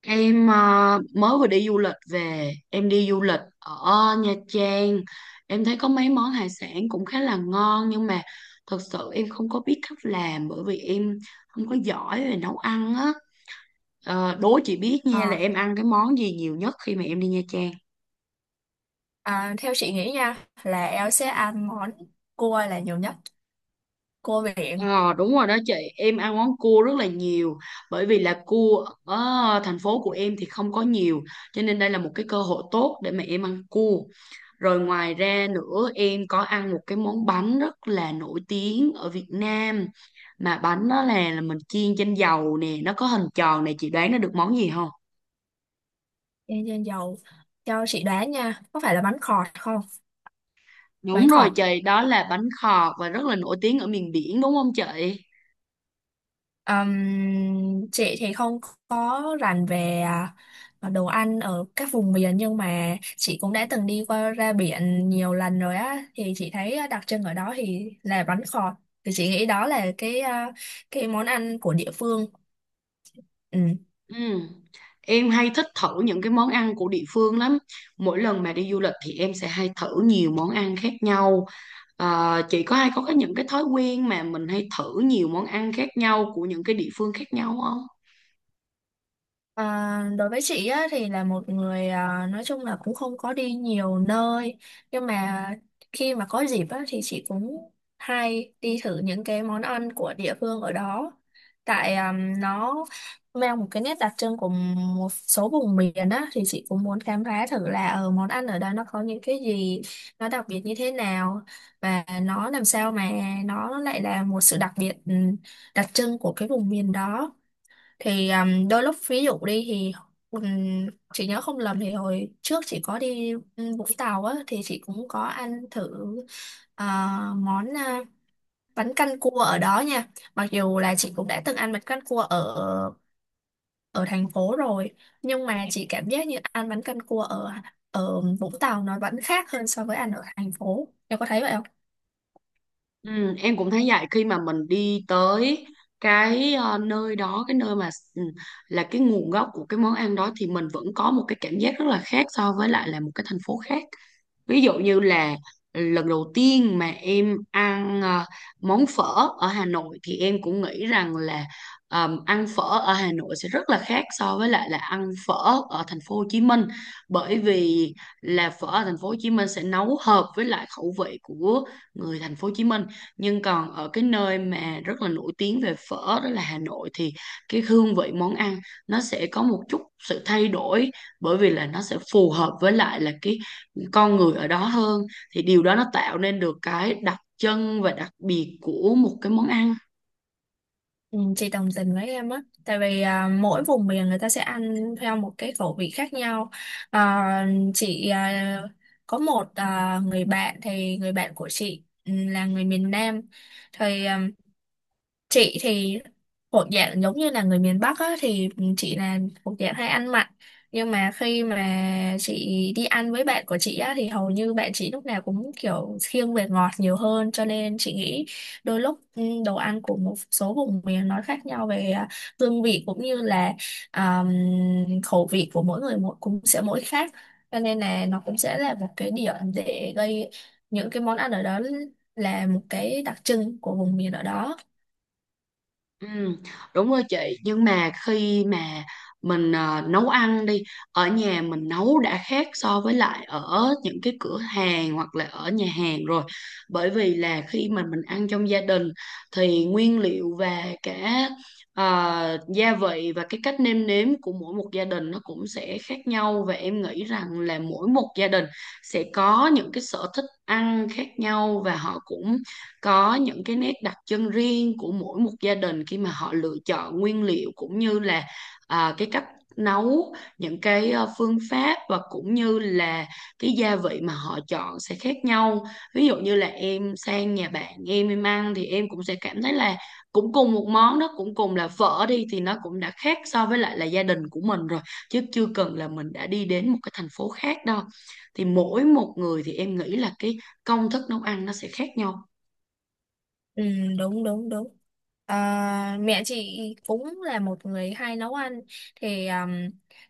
Em mới vừa đi du lịch về, em đi du lịch ở Nha Trang. Em thấy có mấy món hải sản cũng khá là ngon nhưng mà thật sự em không có biết cách làm bởi vì em không có giỏi về nấu ăn á. Đố chị biết nha Ờ, là em ăn cái món gì nhiều nhất khi mà em đi Nha Trang. Theo chị nghĩ nha là em sẽ ăn món cua là nhiều nhất, cua biển. Ờ, đúng rồi đó chị, em ăn món cua rất là nhiều bởi vì là cua ở thành phố của em thì không có nhiều, cho nên đây là một cái cơ hội tốt để mà em ăn cua. Rồi ngoài ra nữa, em có ăn một cái món bánh rất là nổi tiếng ở Việt Nam, mà bánh đó là mình chiên trên dầu nè, nó có hình tròn, này chị đoán nó được món gì không? Chiên trên dầu, cho chị đoán nha, có phải là bánh khọt không? Bánh Đúng rồi khọt. chị, đó là bánh khọt và rất là nổi tiếng ở miền biển, đúng không chị? Chị thì không có rành về đồ ăn ở các vùng miền, nhưng mà chị cũng đã từng đi qua ra biển nhiều lần rồi á, thì chị thấy đặc trưng ở đó thì là bánh khọt, thì chị nghĩ đó là cái món ăn của địa phương. Ừ. Em hay thích thử những cái món ăn của địa phương lắm. Mỗi lần mà đi du lịch thì em sẽ hay thử nhiều món ăn khác nhau. Chị có hay có cái những cái thói quen mà mình hay thử nhiều món ăn khác nhau của những cái địa phương khác nhau không? Đối với chị á, thì là một người, nói chung là cũng không có đi nhiều nơi, nhưng mà khi mà có dịp á, thì chị cũng hay đi thử những cái món ăn của địa phương ở đó, tại nó mang một cái nét đặc trưng của một số vùng miền á, thì chị cũng muốn khám phá thử là ở món ăn ở đó nó có những cái gì, nó đặc biệt như thế nào, và nó làm sao mà nó lại là một sự đặc biệt, đặc trưng của cái vùng miền đó. Thì đôi lúc ví dụ đi thì, um, chị nhớ không lầm thì hồi trước chị có đi Vũng Tàu á, thì chị cũng có ăn thử ờ, món, bánh canh cua ở đó nha. Mặc dù là chị cũng đã từng ăn bánh canh cua ở ở thành phố rồi, nhưng mà chị cảm giác như ăn bánh canh cua ở ở Vũng Tàu nó vẫn khác hơn so với ăn ở thành phố, em có thấy vậy không? Ừ, em cũng thấy vậy. Khi mà mình đi tới cái nơi đó, cái nơi mà là cái nguồn gốc của cái món ăn đó, thì mình vẫn có một cái cảm giác rất là khác so với lại là một cái thành phố khác. Ví dụ như là lần đầu tiên mà em ăn món phở ở Hà Nội, thì em cũng nghĩ rằng là ăn phở ở Hà Nội sẽ rất là khác so với lại là ăn phở ở thành phố Hồ Chí Minh, bởi vì là phở ở thành phố Hồ Chí Minh sẽ nấu hợp với lại khẩu vị của người thành phố Hồ Chí Minh, nhưng còn ở cái nơi mà rất là nổi tiếng về phở, đó là Hà Nội, thì cái hương vị món ăn nó sẽ có một chút sự thay đổi, bởi vì là nó sẽ phù hợp với lại là cái con người ở đó hơn, thì điều đó nó tạo nên được cái đặc trưng và đặc biệt của một cái món ăn. Ừ, chị đồng tình với em á, tại vì mỗi vùng miền người ta sẽ ăn theo một cái khẩu vị khác nhau. À, chị có một người bạn, thì người bạn của chị là người miền Nam, thì chị thì thuộc dạng giống như là người miền Bắc á, thì chị là thuộc dạng hay ăn mặn, nhưng mà khi mà chị đi ăn với bạn của chị á, thì hầu như bạn chị lúc nào cũng kiểu khiêng về ngọt nhiều hơn, cho nên chị nghĩ đôi lúc, đồ ăn của một số vùng miền nó khác nhau về hương vị, cũng như là, um, khẩu vị của mỗi người mỗi cũng sẽ mỗi khác, cho nên là nó cũng sẽ là một cái điểm để gây những cái món ăn ở đó là một cái đặc trưng của vùng miền ở đó. Ừ, đúng rồi chị. Nhưng mà khi mà mình nấu ăn đi, ở nhà mình nấu đã khác so với lại ở những cái cửa hàng hoặc là ở nhà hàng rồi, bởi vì là khi mà mình ăn trong gia đình thì nguyên liệu và cả gia vị và cái cách nêm nếm của mỗi một gia đình nó cũng sẽ khác nhau, và em nghĩ rằng là mỗi một gia đình sẽ có những cái sở thích ăn khác nhau, và họ cũng có những cái nét đặc trưng riêng của mỗi một gia đình khi mà họ lựa chọn nguyên liệu cũng như là cái cách nấu, những cái phương pháp, và cũng như là cái gia vị mà họ chọn sẽ khác nhau. Ví dụ như là em sang nhà bạn em ăn thì em cũng sẽ cảm thấy là cũng cùng một món đó, cũng cùng là phở đi, thì nó cũng đã khác so với lại là gia đình của mình rồi, chứ chưa cần là mình đã đi đến một cái thành phố khác đâu. Thì mỗi một người thì em nghĩ là cái công thức nấu ăn nó sẽ khác nhau. Ừ, đúng đúng đúng. Mẹ chị cũng là một người hay nấu ăn, thì,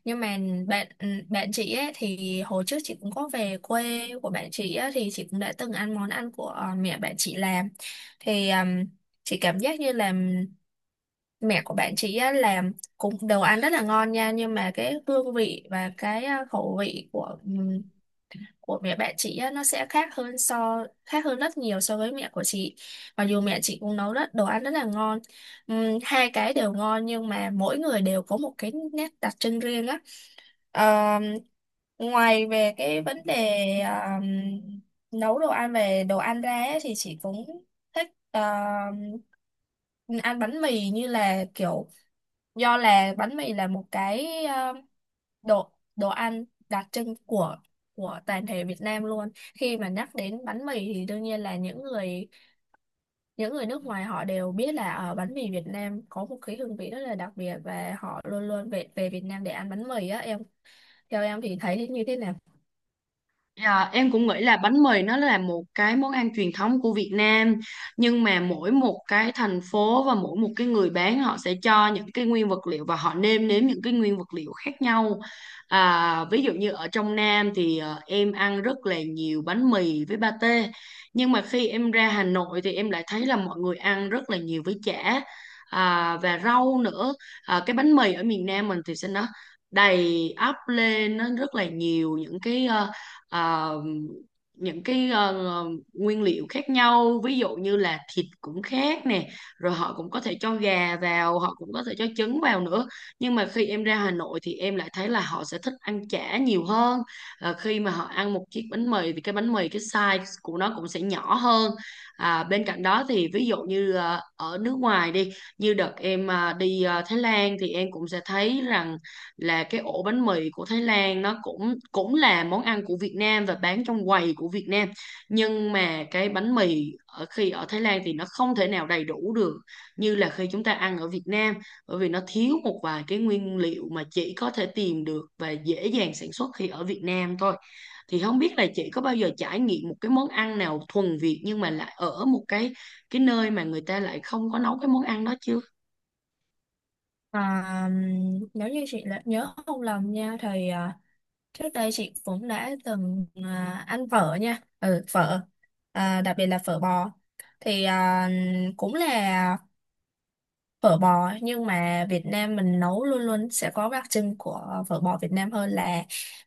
nhưng mà bạn chị ấy, thì hồi trước chị cũng có về quê của bạn chị ấy, thì chị cũng đã từng ăn món ăn của mẹ bạn chị làm. Thì chị cảm giác như là mẹ của bạn chị ấy làm cũng đồ ăn rất là ngon nha, nhưng mà cái hương vị và cái khẩu vị của mẹ bạn chị á, nó sẽ khác hơn rất nhiều so với mẹ của chị, mặc dù mẹ chị cũng nấu rất đồ ăn rất là ngon. Hai cái đều ngon nhưng mà mỗi người đều có một cái nét đặc trưng riêng á. Ờm, Ngoài về cái vấn đề, ờm, nấu đồ ăn, về đồ ăn ra ấy, thì chị cũng thích ăn bánh mì, như là kiểu do là bánh mì là một cái đồ đồ ăn đặc trưng của toàn thể Việt Nam luôn. Khi mà nhắc đến bánh mì thì đương nhiên là những người nước ngoài họ đều biết là ở bánh mì Việt Nam có một cái hương vị rất là đặc biệt, và họ luôn luôn về về Việt Nam để ăn bánh mì á em, theo em thì thấy như thế nào? À, em cũng nghĩ là bánh mì nó là một cái món ăn truyền thống của Việt Nam, nhưng mà mỗi một cái thành phố và mỗi một cái người bán họ sẽ cho những cái nguyên vật liệu và họ nêm nếm những cái nguyên vật liệu khác nhau. À, ví dụ như ở trong Nam thì em ăn rất là nhiều bánh mì với pate, nhưng mà khi em ra Hà Nội thì em lại thấy là mọi người ăn rất là nhiều với chả, à, và rau nữa. À, cái bánh mì ở miền Nam mình thì sẽ nó đầy ắp lên, nó rất là nhiều những cái ờ, những cái nguyên liệu khác nhau, ví dụ như là thịt cũng khác nè, rồi họ cũng có thể cho gà vào, họ cũng có thể cho trứng vào nữa. Nhưng mà khi em ra Hà Nội thì em lại thấy là họ sẽ thích ăn chả nhiều hơn. Ờ, khi mà họ ăn một chiếc bánh mì thì cái bánh mì, cái size của nó cũng sẽ nhỏ hơn. À, bên cạnh đó thì ví dụ như ở nước ngoài đi, như đợt em đi Thái Lan thì em cũng sẽ thấy rằng là cái ổ bánh mì của Thái Lan nó cũng cũng là món ăn của Việt Nam và bán trong quầy của Việt Nam, nhưng mà cái bánh mì ở khi ở Thái Lan thì nó không thể nào đầy đủ được như là khi chúng ta ăn ở Việt Nam, bởi vì nó thiếu một vài cái nguyên liệu mà chỉ có thể tìm được và dễ dàng sản xuất khi ở Việt Nam thôi. Thì không biết là chị có bao giờ trải nghiệm một cái món ăn nào thuần Việt nhưng mà lại ở một cái nơi mà người ta lại không có nấu cái món ăn đó chưa? à, Nếu như chị nhớ không lầm nha thì, trước đây chị cũng đã từng ăn phở nha, phở, đặc biệt là phở bò. Thì cũng là phở bò nhưng mà Việt Nam mình nấu luôn luôn sẽ có đặc trưng của phở bò Việt Nam hơn là,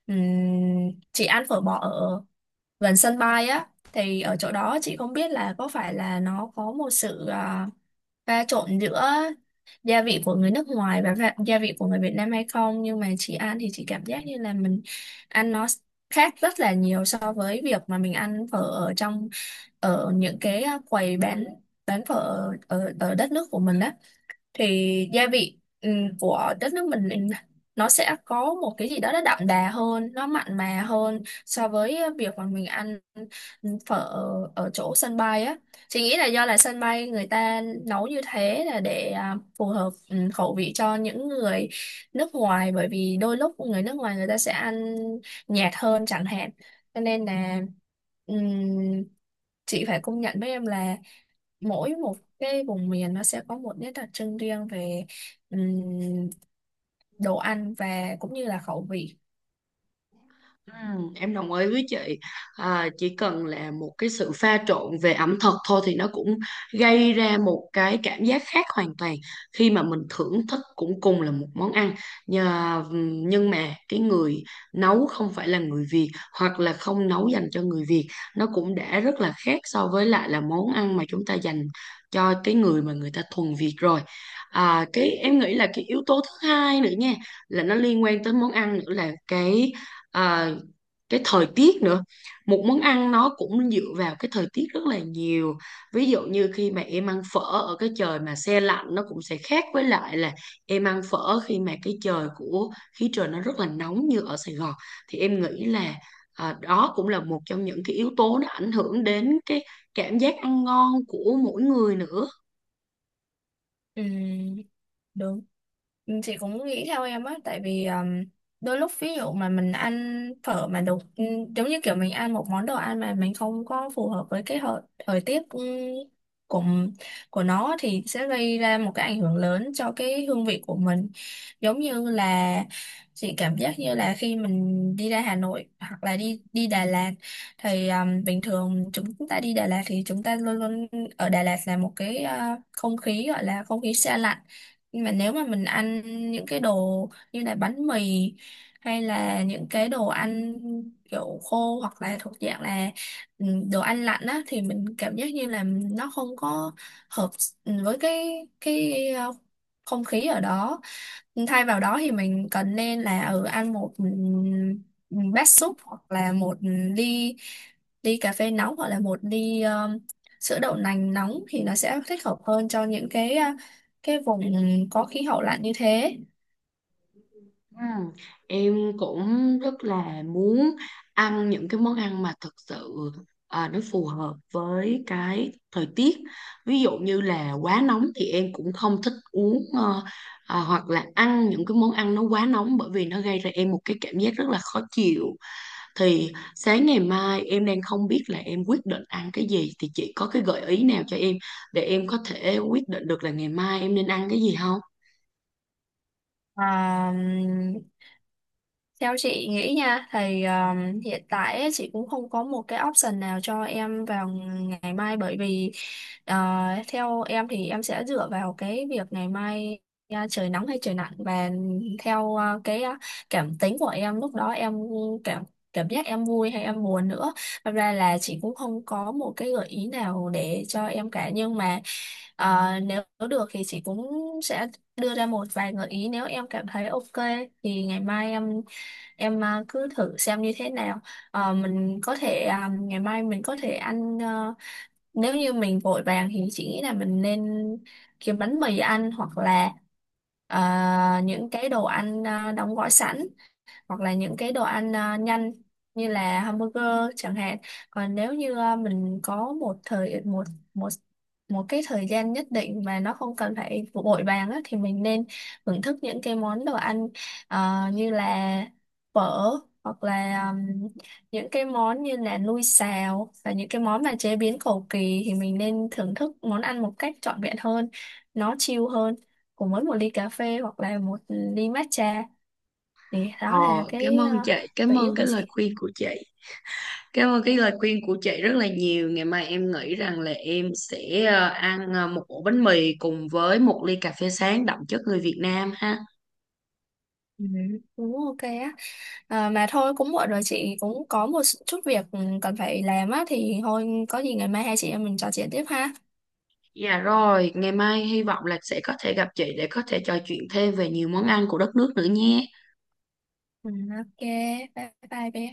chị ăn phở bò ở gần sân bay á, thì ở chỗ đó chị không biết là có phải là nó có một sự pha trộn giữa gia vị của người nước ngoài và gia vị của người Việt Nam hay không, nhưng mà chị ăn thì chị cảm giác như là mình ăn nó khác rất là nhiều so với việc mà mình ăn phở ở những cái quầy bán phở ở đất nước của mình á, thì gia vị của đất nước mình nó sẽ có một cái gì đó nó đậm đà hơn, nó mặn mà hơn so với việc mà mình ăn phở ở chỗ sân bay á. Chị nghĩ là do là sân bay người ta nấu như thế là để phù hợp khẩu vị cho những người nước ngoài, bởi vì đôi lúc người nước ngoài người ta sẽ ăn nhạt hơn chẳng hạn, cho nên là, ừm, chị phải công nhận với em là mỗi một cái vùng miền nó sẽ có một nét đặc trưng riêng về ừm, đồ ăn và cũng như là khẩu vị. Em đồng ý với chị. À, chỉ cần là một cái sự pha trộn về ẩm thực thôi thì nó cũng gây ra một cái cảm giác khác hoàn toàn khi mà mình thưởng thức cũng cùng là một món ăn. Nhờ, nhưng mà cái người nấu không phải là người Việt, hoặc là không nấu dành cho người Việt, nó cũng đã rất là khác so với lại là món ăn mà chúng ta dành cho cái người mà người ta thuần Việt rồi. À, cái em nghĩ là cái yếu tố thứ hai nữa nha, là nó liên quan tới món ăn nữa, là à, cái thời tiết nữa. Một món ăn nó cũng dựa vào cái thời tiết rất là nhiều. Ví dụ như khi mà em ăn phở ở cái trời mà se lạnh, nó cũng sẽ khác với lại là em ăn phở khi mà cái trời của khí trời nó rất là nóng như ở Sài Gòn. Thì em nghĩ là đó cũng là một trong những cái yếu tố nó ảnh hưởng đến cái cảm giác ăn ngon của mỗi người nữa. Ừm, đúng. Ừ, chị cũng nghĩ theo em á, tại vì đôi lúc ví dụ mà mình ăn phở mà đồ, giống như kiểu mình ăn một món đồ ăn mà mình không có phù hợp với cái thời tiết, của của nó thì sẽ gây ra một cái ảnh hưởng lớn cho cái hương vị của mình. Giống như là chị cảm giác như là khi mình đi ra Hà Nội hoặc là đi đi Đà Lạt thì, bình thường chúng ta đi Đà Lạt thì chúng ta luôn luôn ở Đà Lạt là một cái, không khí, gọi là không khí se lạnh. Nhưng mà nếu mà mình ăn những cái đồ như là bánh mì, hay là những cái đồ ăn kiểu khô hoặc là thuộc dạng là ừ, đồ ăn lạnh á, thì mình cảm giác như là nó không có hợp với cái không khí ở đó. Thay vào đó thì mình cần nên là ăn một ừ, bát súp hoặc là một ly ly cà phê nóng hoặc là một ly, sữa đậu nành nóng, thì nó sẽ thích hợp hơn cho những cái vùng có khí hậu lạnh như thế. Ừ. Em cũng rất là muốn ăn những cái món ăn mà thực sự nó phù hợp với cái thời tiết. Ví dụ như là quá nóng thì em cũng không thích uống hoặc là ăn những cái món ăn nó quá nóng, bởi vì nó gây ra em một cái cảm giác rất là khó chịu. Thì sáng ngày mai em đang không biết là em quyết định ăn cái gì, thì chị có cái gợi ý nào cho em để em có thể quyết định được là ngày mai em nên ăn cái gì không? À, Theo chị nghĩ nha thì, hiện tại ấy, chị cũng không có một cái option nào cho em vào ngày mai, bởi vì ờ, theo em thì em sẽ dựa vào cái việc ngày mai, trời nắng hay trời nặng, và theo cái cảm tính của em lúc đó, em cảm cảm giác em vui hay em buồn nữa. Thật ra là chị cũng không có một cái gợi ý nào để cho em cả, nhưng mà, nếu được thì chị cũng sẽ đưa ra một vài gợi ý, nếu em cảm thấy ok thì ngày mai em cứ thử xem như thế nào. Ờ, mình có thể à, Ngày mai mình có thể ăn, nếu như mình vội vàng thì chị nghĩ là mình nên kiếm bánh mì ăn, hoặc là ờ, những cái đồ ăn đóng gói sẵn, hoặc là những cái đồ ăn nhanh như là hamburger chẳng hạn. Còn nếu như mình có một một cái thời gian nhất định mà nó không cần phải vội vàng á, thì mình nên thưởng thức những cái món đồ ăn, như là phở hoặc là, những cái món như là nui xào và những cái món mà chế biến cầu kỳ, thì mình nên thưởng thức món ăn một cách trọn vẹn hơn, nó chill hơn, cùng với một ly cà phê hoặc là một ly matcha. Thì đó là Ờ, cảm cái, ơn chị, cảm gợi ý ơn cái của lời chị. khuyên của chị. Cảm ơn cái lời khuyên của chị rất là nhiều. Ngày mai em nghĩ rằng là em sẽ ăn một ổ bánh mì cùng với một ly cà phê sáng đậm chất người Việt Nam ha. Ừ, cũng ok á. Mà thôi cũng muộn rồi, chị cũng có một chút việc cần phải làm á, thì thôi có gì ngày mai hai chị em mình trò chuyện tiếp ha. Dạ rồi, ngày mai hy vọng là sẽ có thể gặp chị để có thể trò chuyện thêm về nhiều món ăn của đất nước nữa nhé. Ừ, ok, bye bye bé.